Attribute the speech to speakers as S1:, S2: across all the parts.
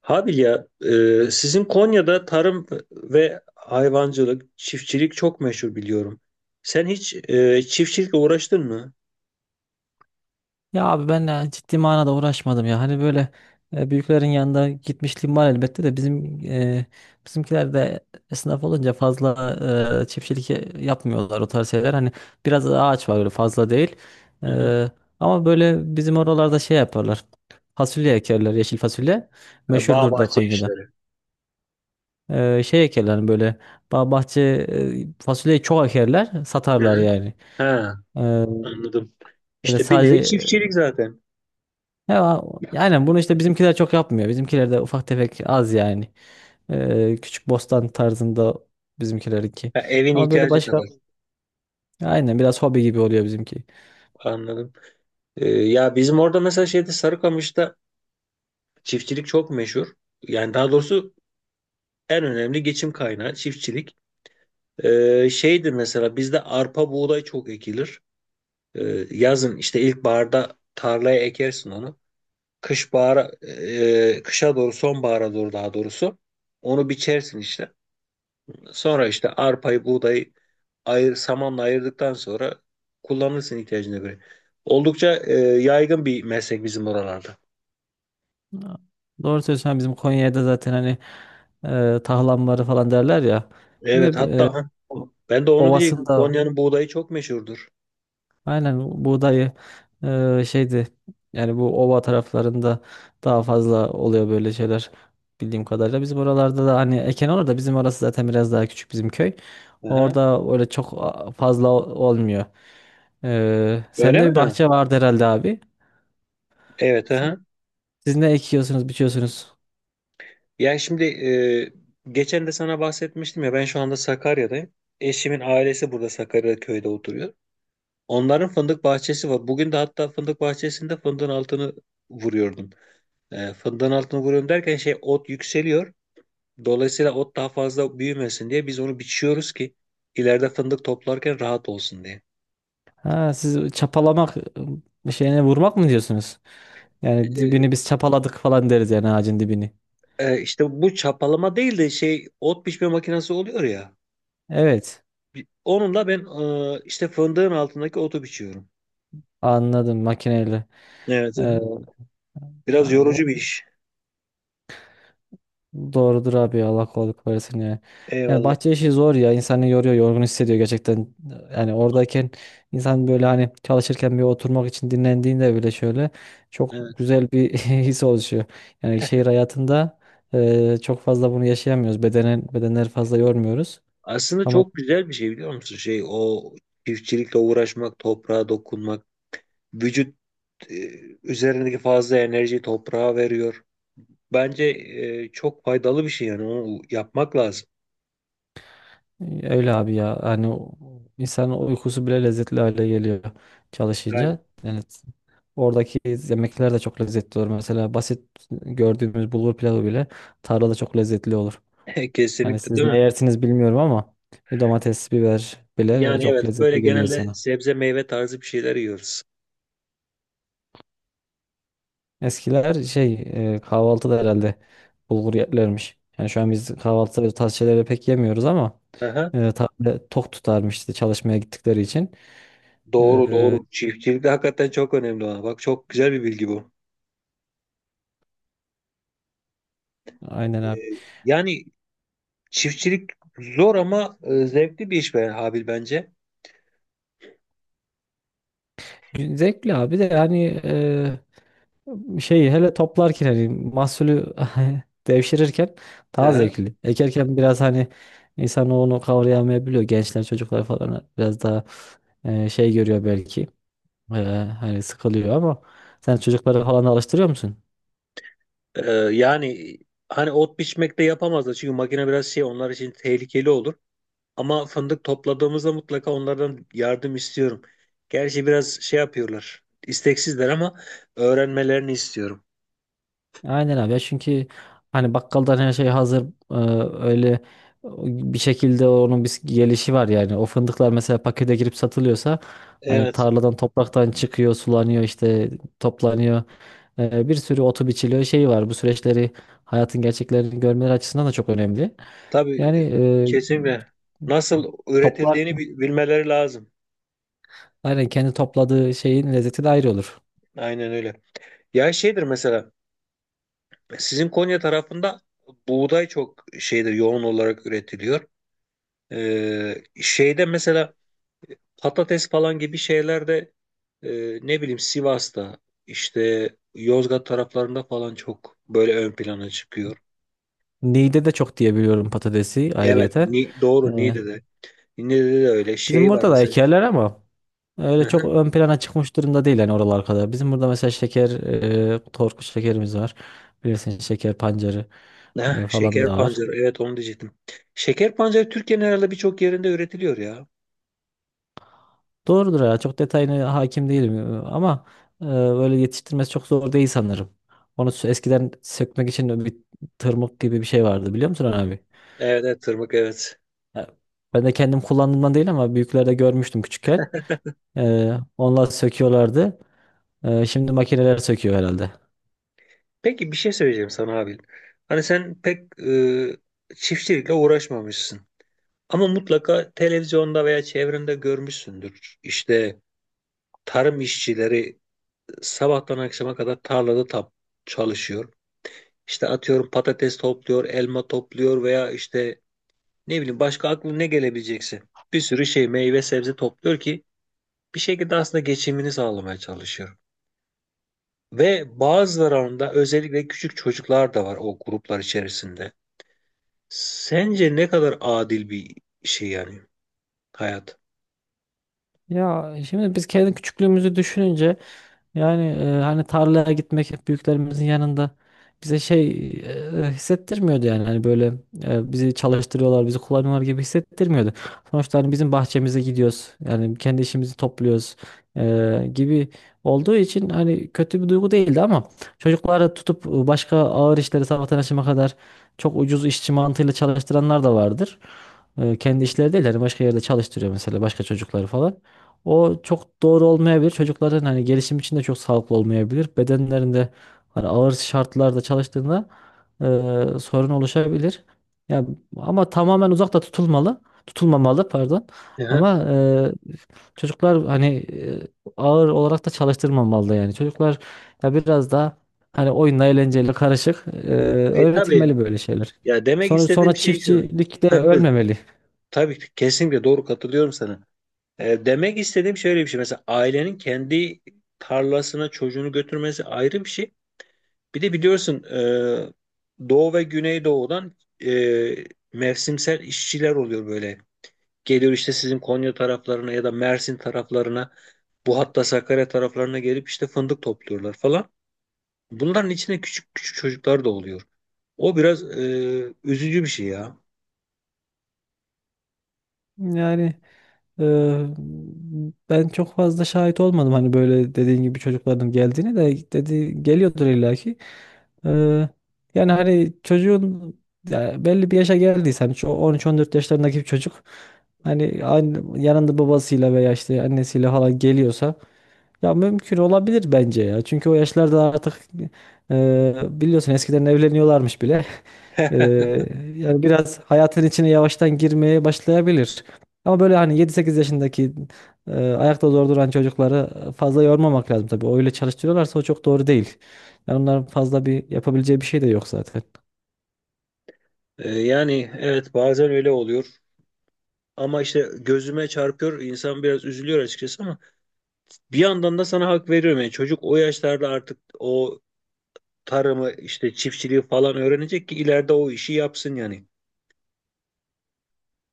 S1: Habil ya, sizin Konya'da tarım ve hayvancılık, çiftçilik çok meşhur biliyorum. Sen hiç çiftçilikle uğraştın mı?
S2: Ya abi ben ciddi manada uğraşmadım ya. Hani böyle büyüklerin yanında gitmişliğim var elbette de bizimkiler de esnaf olunca fazla çiftçilik yapmıyorlar o tarz şeyler. Hani biraz ağaç var öyle fazla değil.
S1: Hı-hı.
S2: E, Ama böyle bizim oralarda şey yaparlar. Fasulye ekerler, yeşil fasulye.
S1: Ha, bağ
S2: Meşhurdur da
S1: bahçe
S2: Konya'da.
S1: işleri.
S2: Şey ekerler hani böyle bahçe, fasulyeyi çok ekerler, satarlar
S1: Hı-hı.
S2: yani.
S1: Ha,
S2: E,
S1: anladım.
S2: böyle
S1: İşte bir nevi
S2: sadece
S1: çiftçilik zaten.
S2: Ya, yani bunu işte bizimkiler çok yapmıyor. Bizimkiler de ufak tefek az yani. Küçük bostan tarzında bizimkilerinki.
S1: Ha, evin
S2: Ama böyle
S1: ihtiyacı
S2: başka
S1: kadar.
S2: aynen biraz hobi gibi oluyor bizimki.
S1: Anladım. Ya bizim orada mesela şeyde Sarıkamış'ta çiftçilik çok meşhur. Yani daha doğrusu en önemli geçim kaynağı çiftçilik. Şeydir mesela bizde arpa buğday çok ekilir. Yazın işte ilkbaharda tarlaya ekersin onu. Kış bahara, kışa doğru sonbahara doğru daha doğrusu onu biçersin işte. Sonra işte arpayı, buğdayı ayır, samanla ayırdıktan sonra kullanırsın ihtiyacına göre. Oldukça yaygın bir meslek bizim oralarda.
S2: Aa, Doğru söylüyorsun. Hani bizim Konya'da zaten hani tahlamları falan derler ya.
S1: Evet,
S2: Şimdi
S1: hatta ha,
S2: o-
S1: ben de onu diyecektim.
S2: ovasında.
S1: Konya'nın buğdayı çok meşhurdur.
S2: Aynen buğdayı şeydi yani bu ova taraflarında daha fazla oluyor böyle şeyler bildiğim kadarıyla. Bizim oralarda da hani eken olur da bizim orası zaten biraz daha küçük bizim köy.
S1: Aha.
S2: Orada öyle çok fazla olmuyor.
S1: Öyle
S2: Sende bir
S1: mi? Ha.
S2: bahçe vardı herhalde abi.
S1: Evet. Aha.
S2: Siz ne ekiyorsunuz, biçiyorsunuz?
S1: Yani şimdi geçen de sana bahsetmiştim ya, ben şu anda Sakarya'dayım. Eşimin ailesi burada Sakarya köyde oturuyor. Onların fındık bahçesi var. Bugün de hatta fındık bahçesinde fındığın altını vuruyordum. Fındığın altını vuruyorum derken şey, ot yükseliyor. Dolayısıyla ot daha fazla büyümesin diye biz onu biçiyoruz ki ileride fındık toplarken rahat olsun diye.
S2: Ha, siz çapalamak, şeyine vurmak mı diyorsunuz? Yani
S1: E,
S2: dibini biz çapaladık falan deriz yani ağacın dibini.
S1: işte bu çapalama değil de şey, ot biçme makinesi oluyor ya.
S2: Evet,
S1: Onunla ben işte fındığın altındaki otu biçiyorum.
S2: anladım makineyle.
S1: Evet. Biraz
S2: Eee,
S1: yorucu bir iş.
S2: Doğrudur abi ya, Allah kolaylık versin ya. Yani
S1: Eyvallah.
S2: bahçe işi zor ya, insanı yoruyor, yorgun hissediyor gerçekten. Yani oradayken insan böyle hani çalışırken bir oturmak için dinlendiğinde bile şöyle çok
S1: Evet.
S2: güzel bir his oluşuyor. Yani şehir hayatında çok fazla bunu yaşayamıyoruz. Bedenleri fazla yormuyoruz.
S1: Aslında
S2: Ama
S1: çok güzel bir şey biliyor musun? Şey, o çiftçilikle uğraşmak, toprağa dokunmak, vücut e, üzerindeki fazla enerjiyi toprağa veriyor. Bence çok faydalı bir şey, yani onu yapmak lazım.
S2: Öyle abi ya. Hani insanın uykusu bile lezzetli hale geliyor
S1: Yani
S2: çalışınca. Yani oradaki yemekler de çok lezzetli olur. Mesela basit gördüğümüz bulgur pilavı bile tarlada çok lezzetli olur. Yani
S1: kesinlikle
S2: siz
S1: değil
S2: ne
S1: mi?
S2: yersiniz bilmiyorum ama bir domates, biber bile,
S1: Yani
S2: çok
S1: evet, böyle
S2: lezzetli geliyor
S1: genelde
S2: insana.
S1: sebze meyve tarzı bir şeyler yiyoruz.
S2: Eskiler şey, kahvaltıda herhalde bulgur yerlermiş. Yani şu an biz kahvaltıda bu tarz şeyleri pek yemiyoruz ama
S1: Aha.
S2: tarla tok tutarmıştı çalışmaya gittikleri için.
S1: Doğru
S2: E,
S1: doğru. Çiftçilik de hakikaten çok önemli olan. Bak, çok güzel bir bilgi bu.
S2: aynen
S1: E,
S2: abi.
S1: Yani çiftçilik zor ama zevkli bir iş be Habil, bence.
S2: Zevkli abi de yani, şey hele toplarken hani mahsulü devşirirken
S1: Hı
S2: daha
S1: hı.
S2: zevkli. Ekerken biraz hani insan onu kavrayamayabiliyor. Gençler çocuklar falan biraz daha şey görüyor belki. E, Hani sıkılıyor ama sen çocukları falan da alıştırıyor musun?
S1: Yani hani ot biçmekte yapamazlar çünkü makine biraz şey, onlar için tehlikeli olur. Ama fındık topladığımızda mutlaka onlardan yardım istiyorum. Gerçi biraz şey yapıyorlar, isteksizler ama öğrenmelerini istiyorum.
S2: Aynen abi ya, çünkü hani bakkaldan her şey hazır e, öyle bir şekilde onun bir gelişi var yani. O fındıklar mesela pakete girip satılıyorsa, hani
S1: Evet,
S2: tarladan topraktan çıkıyor, sulanıyor işte, toplanıyor. Bir sürü otu biçiliyor şeyi var, bu süreçleri hayatın gerçeklerini görmeleri açısından da çok önemli
S1: tabii,
S2: yani,
S1: kesinlikle. Nasıl
S2: toplar,
S1: üretildiğini bilmeleri lazım.
S2: aynen kendi topladığı şeyin lezzeti de ayrı olur.
S1: Aynen öyle. Ya şeydir mesela, sizin Konya tarafında buğday çok şeydir, yoğun olarak üretiliyor. Şeyde mesela patates falan gibi şeylerde e, ne bileyim Sivas'ta, işte Yozgat taraflarında falan çok böyle ön plana çıkıyor.
S2: Niğde de çok diye biliyorum patatesi
S1: Evet
S2: ayrıyeten. E,
S1: doğru, Niğde'de. Niğde'de de öyle
S2: Bizim
S1: şey var
S2: burada da
S1: mesela.
S2: ekerler ama.
S1: Hı
S2: Öyle çok
S1: hı.
S2: ön plana çıkmış durumda değil yani oralar kadar. Bizim burada mesela şeker, torku şekerimiz var. Bilirsin şeker pancarı
S1: Heh,
S2: e, falan
S1: şeker
S2: da var.
S1: pancarı, evet, onu diyecektim. Şeker pancarı Türkiye'nin herhalde birçok yerinde üretiliyor ya.
S2: Doğrudur ya, çok detayına hakim değilim, ama böyle yetiştirmesi çok zor değil sanırım. Onu eskiden sökmek için bir tırmık gibi bir şey vardı, biliyor musun abi?
S1: Evet, evet, tırmık, evet.
S2: Ya, ben de kendim kullandığımdan değil ama büyüklerde görmüştüm küçükken. E, Onlar söküyorlardı. Şimdi makineler söküyor herhalde.
S1: Peki bir şey söyleyeceğim sana abi. Hani sen pek çiftçilikle uğraşmamışsın. Ama mutlaka televizyonda veya çevrende görmüşsündür. İşte tarım işçileri sabahtan akşama kadar tarlada çalışıyor. İşte atıyorum, patates topluyor, elma topluyor veya işte ne bileyim, başka aklına ne gelebilecekse bir sürü şey, meyve sebze topluyor ki bir şekilde aslında geçimini sağlamaya çalışıyor. Ve bazılarında özellikle küçük çocuklar da var o gruplar içerisinde. Sence ne kadar adil bir şey, yani hayat?
S2: Ya şimdi biz kendi küçüklüğümüzü düşününce yani hani tarlaya gitmek hep büyüklerimizin yanında bize şey, hissettirmiyordu yani, hani böyle, bizi çalıştırıyorlar, bizi kullanıyorlar gibi hissettirmiyordu. Sonuçta hani bizim bahçemize gidiyoruz, yani kendi işimizi topluyoruz, gibi olduğu için hani kötü bir duygu değildi ama çocukları tutup başka ağır işleri sabahtan akşama kadar çok ucuz işçi mantığıyla çalıştıranlar da vardır. Kendi işleri değil yani, başka yerde çalıştırıyor mesela başka çocukları falan. O çok doğru olmayabilir. Çocukların hani gelişim için de çok sağlıklı olmayabilir. Bedenlerinde hani ağır şartlarda çalıştığında sorun oluşabilir. Ya ama tamamen uzakta tutulmalı, tutulmamalı pardon.
S1: Hı hı.
S2: Ama çocuklar hani e, ağır olarak da çalıştırmamalı yani. Çocuklar ya biraz daha hani oyunla eğlenceyle karışık,
S1: E tabii.
S2: öğretilmeli böyle şeyler.
S1: Ya demek
S2: Sonra
S1: istediğim
S2: sonra
S1: şey şu.
S2: çiftçilikte
S1: Ha, buyur.
S2: ölmemeli.
S1: Tabii ki, kesinlikle doğru, katılıyorum sana. Demek istediğim şöyle bir şey. Mesela ailenin kendi tarlasına çocuğunu götürmesi ayrı bir şey. Bir de biliyorsun Doğu ve Güneydoğu'dan e, mevsimsel işçiler oluyor böyle. Geliyor işte sizin Konya taraflarına ya da Mersin taraflarına, bu hatta Sakarya taraflarına gelip işte fındık topluyorlar falan. Bunların içinde küçük küçük çocuklar da oluyor. O biraz üzücü bir şey ya.
S2: Yani. Ee, Ben çok fazla şahit olmadım hani, böyle dediğin gibi çocukların geldiğini de, dedi, geliyordur illaki. Ee, Yani hani çocuğun, ya belli bir yaşa geldiyse, hani 13-14 yaşlarındaki bir çocuk hani yanında babasıyla veya işte annesiyle falan geliyorsa ya mümkün olabilir bence ya. Çünkü o yaşlarda artık biliyorsun eskiden evleniyorlarmış bile. E, Yani biraz hayatın içine yavaştan girmeye başlayabilir. Ama böyle hani 7-8 yaşındaki ayakta zor duran çocukları fazla yormamak lazım tabii. Öyle çalıştırıyorlarsa o çok doğru değil. Yani onların fazla bir yapabileceği bir şey de yok zaten.
S1: Yani evet, bazen öyle oluyor. Ama işte gözüme çarpıyor, insan biraz üzülüyor açıkçası ama bir yandan da sana hak veriyorum. Yani çocuk o yaşlarda artık o tarımı, işte çiftçiliği falan öğrenecek ki ileride o işi yapsın yani.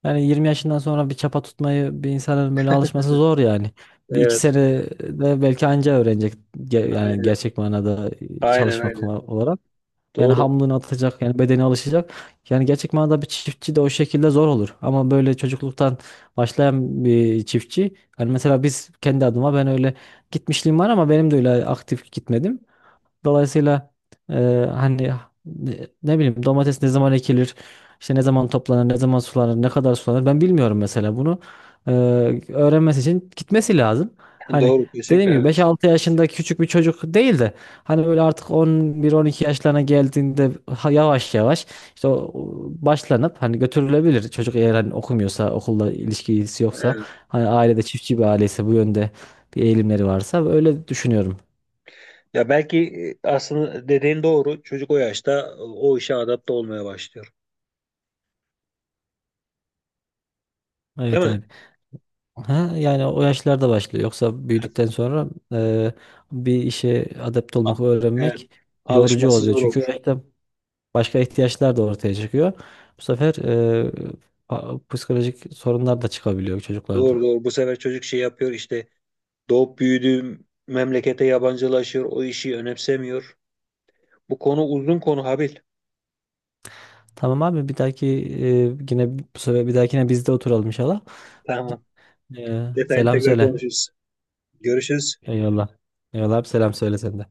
S2: Yani 20 yaşından sonra bir çapa tutmayı bir insanın böyle alışması zor yani. Bir iki
S1: Evet.
S2: sene de belki anca öğrenecek yani
S1: Aynen.
S2: gerçek manada
S1: Aynen
S2: çalışmak
S1: aynen.
S2: olarak. Yani
S1: Doğru.
S2: hamlını atacak yani, bedeni alışacak. Yani gerçek manada bir çiftçi de o şekilde zor olur. Ama böyle çocukluktan başlayan bir çiftçi. Yani mesela biz kendi adıma, ben öyle gitmişliğim var ama benim de öyle aktif gitmedim. Dolayısıyla e, hani ne bileyim, domates ne zaman ekilir, işte ne zaman toplanır, ne zaman sulanır, ne kadar sulanır, ben bilmiyorum mesela bunu. E, Öğrenmesi için gitmesi lazım. Hani
S1: Doğru, kesinlikle,
S2: dediğim gibi
S1: evet.
S2: 5-6 yaşında küçük bir çocuk değil de hani böyle artık 11-12 yaşlarına geldiğinde yavaş yavaş işte o başlanıp hani götürülebilir. Çocuk eğer hani okumuyorsa, okulda ilişkisi yoksa,
S1: Evet.
S2: hani ailede çiftçi bir aileyse, bu yönde bir eğilimleri varsa, öyle düşünüyorum.
S1: Ya belki aslında dediğin doğru. Çocuk o yaşta o işe adapte olmaya başlıyor. Değil
S2: Evet
S1: mi?
S2: abi. Ha, yani o yaşlarda başlıyor. Yoksa
S1: Evet.
S2: büyüdükten sonra bir işe adept
S1: A-
S2: olmak,
S1: Evet.
S2: öğrenmek yorucu
S1: Alışması
S2: oluyor.
S1: zor olur.
S2: Çünkü o yaşta başka ihtiyaçlar da ortaya çıkıyor. Bu sefer e, psikolojik sorunlar da çıkabiliyor çocuklarda.
S1: Doğru doğru. Bu sefer çocuk şey yapıyor işte, doğup büyüdüğüm memlekete yabancılaşıyor, o işi önemsemiyor. Bu konu uzun konu Habil.
S2: Tamam abi, bir dahaki yine, bu sefer bir dahakine biz de oturalım inşallah.
S1: Tamam. Detayını
S2: Selam
S1: tekrar
S2: söyle.
S1: konuşuruz. Görüşürüz.
S2: Eyvallah. Eyvallah abi, selam söyle sen de.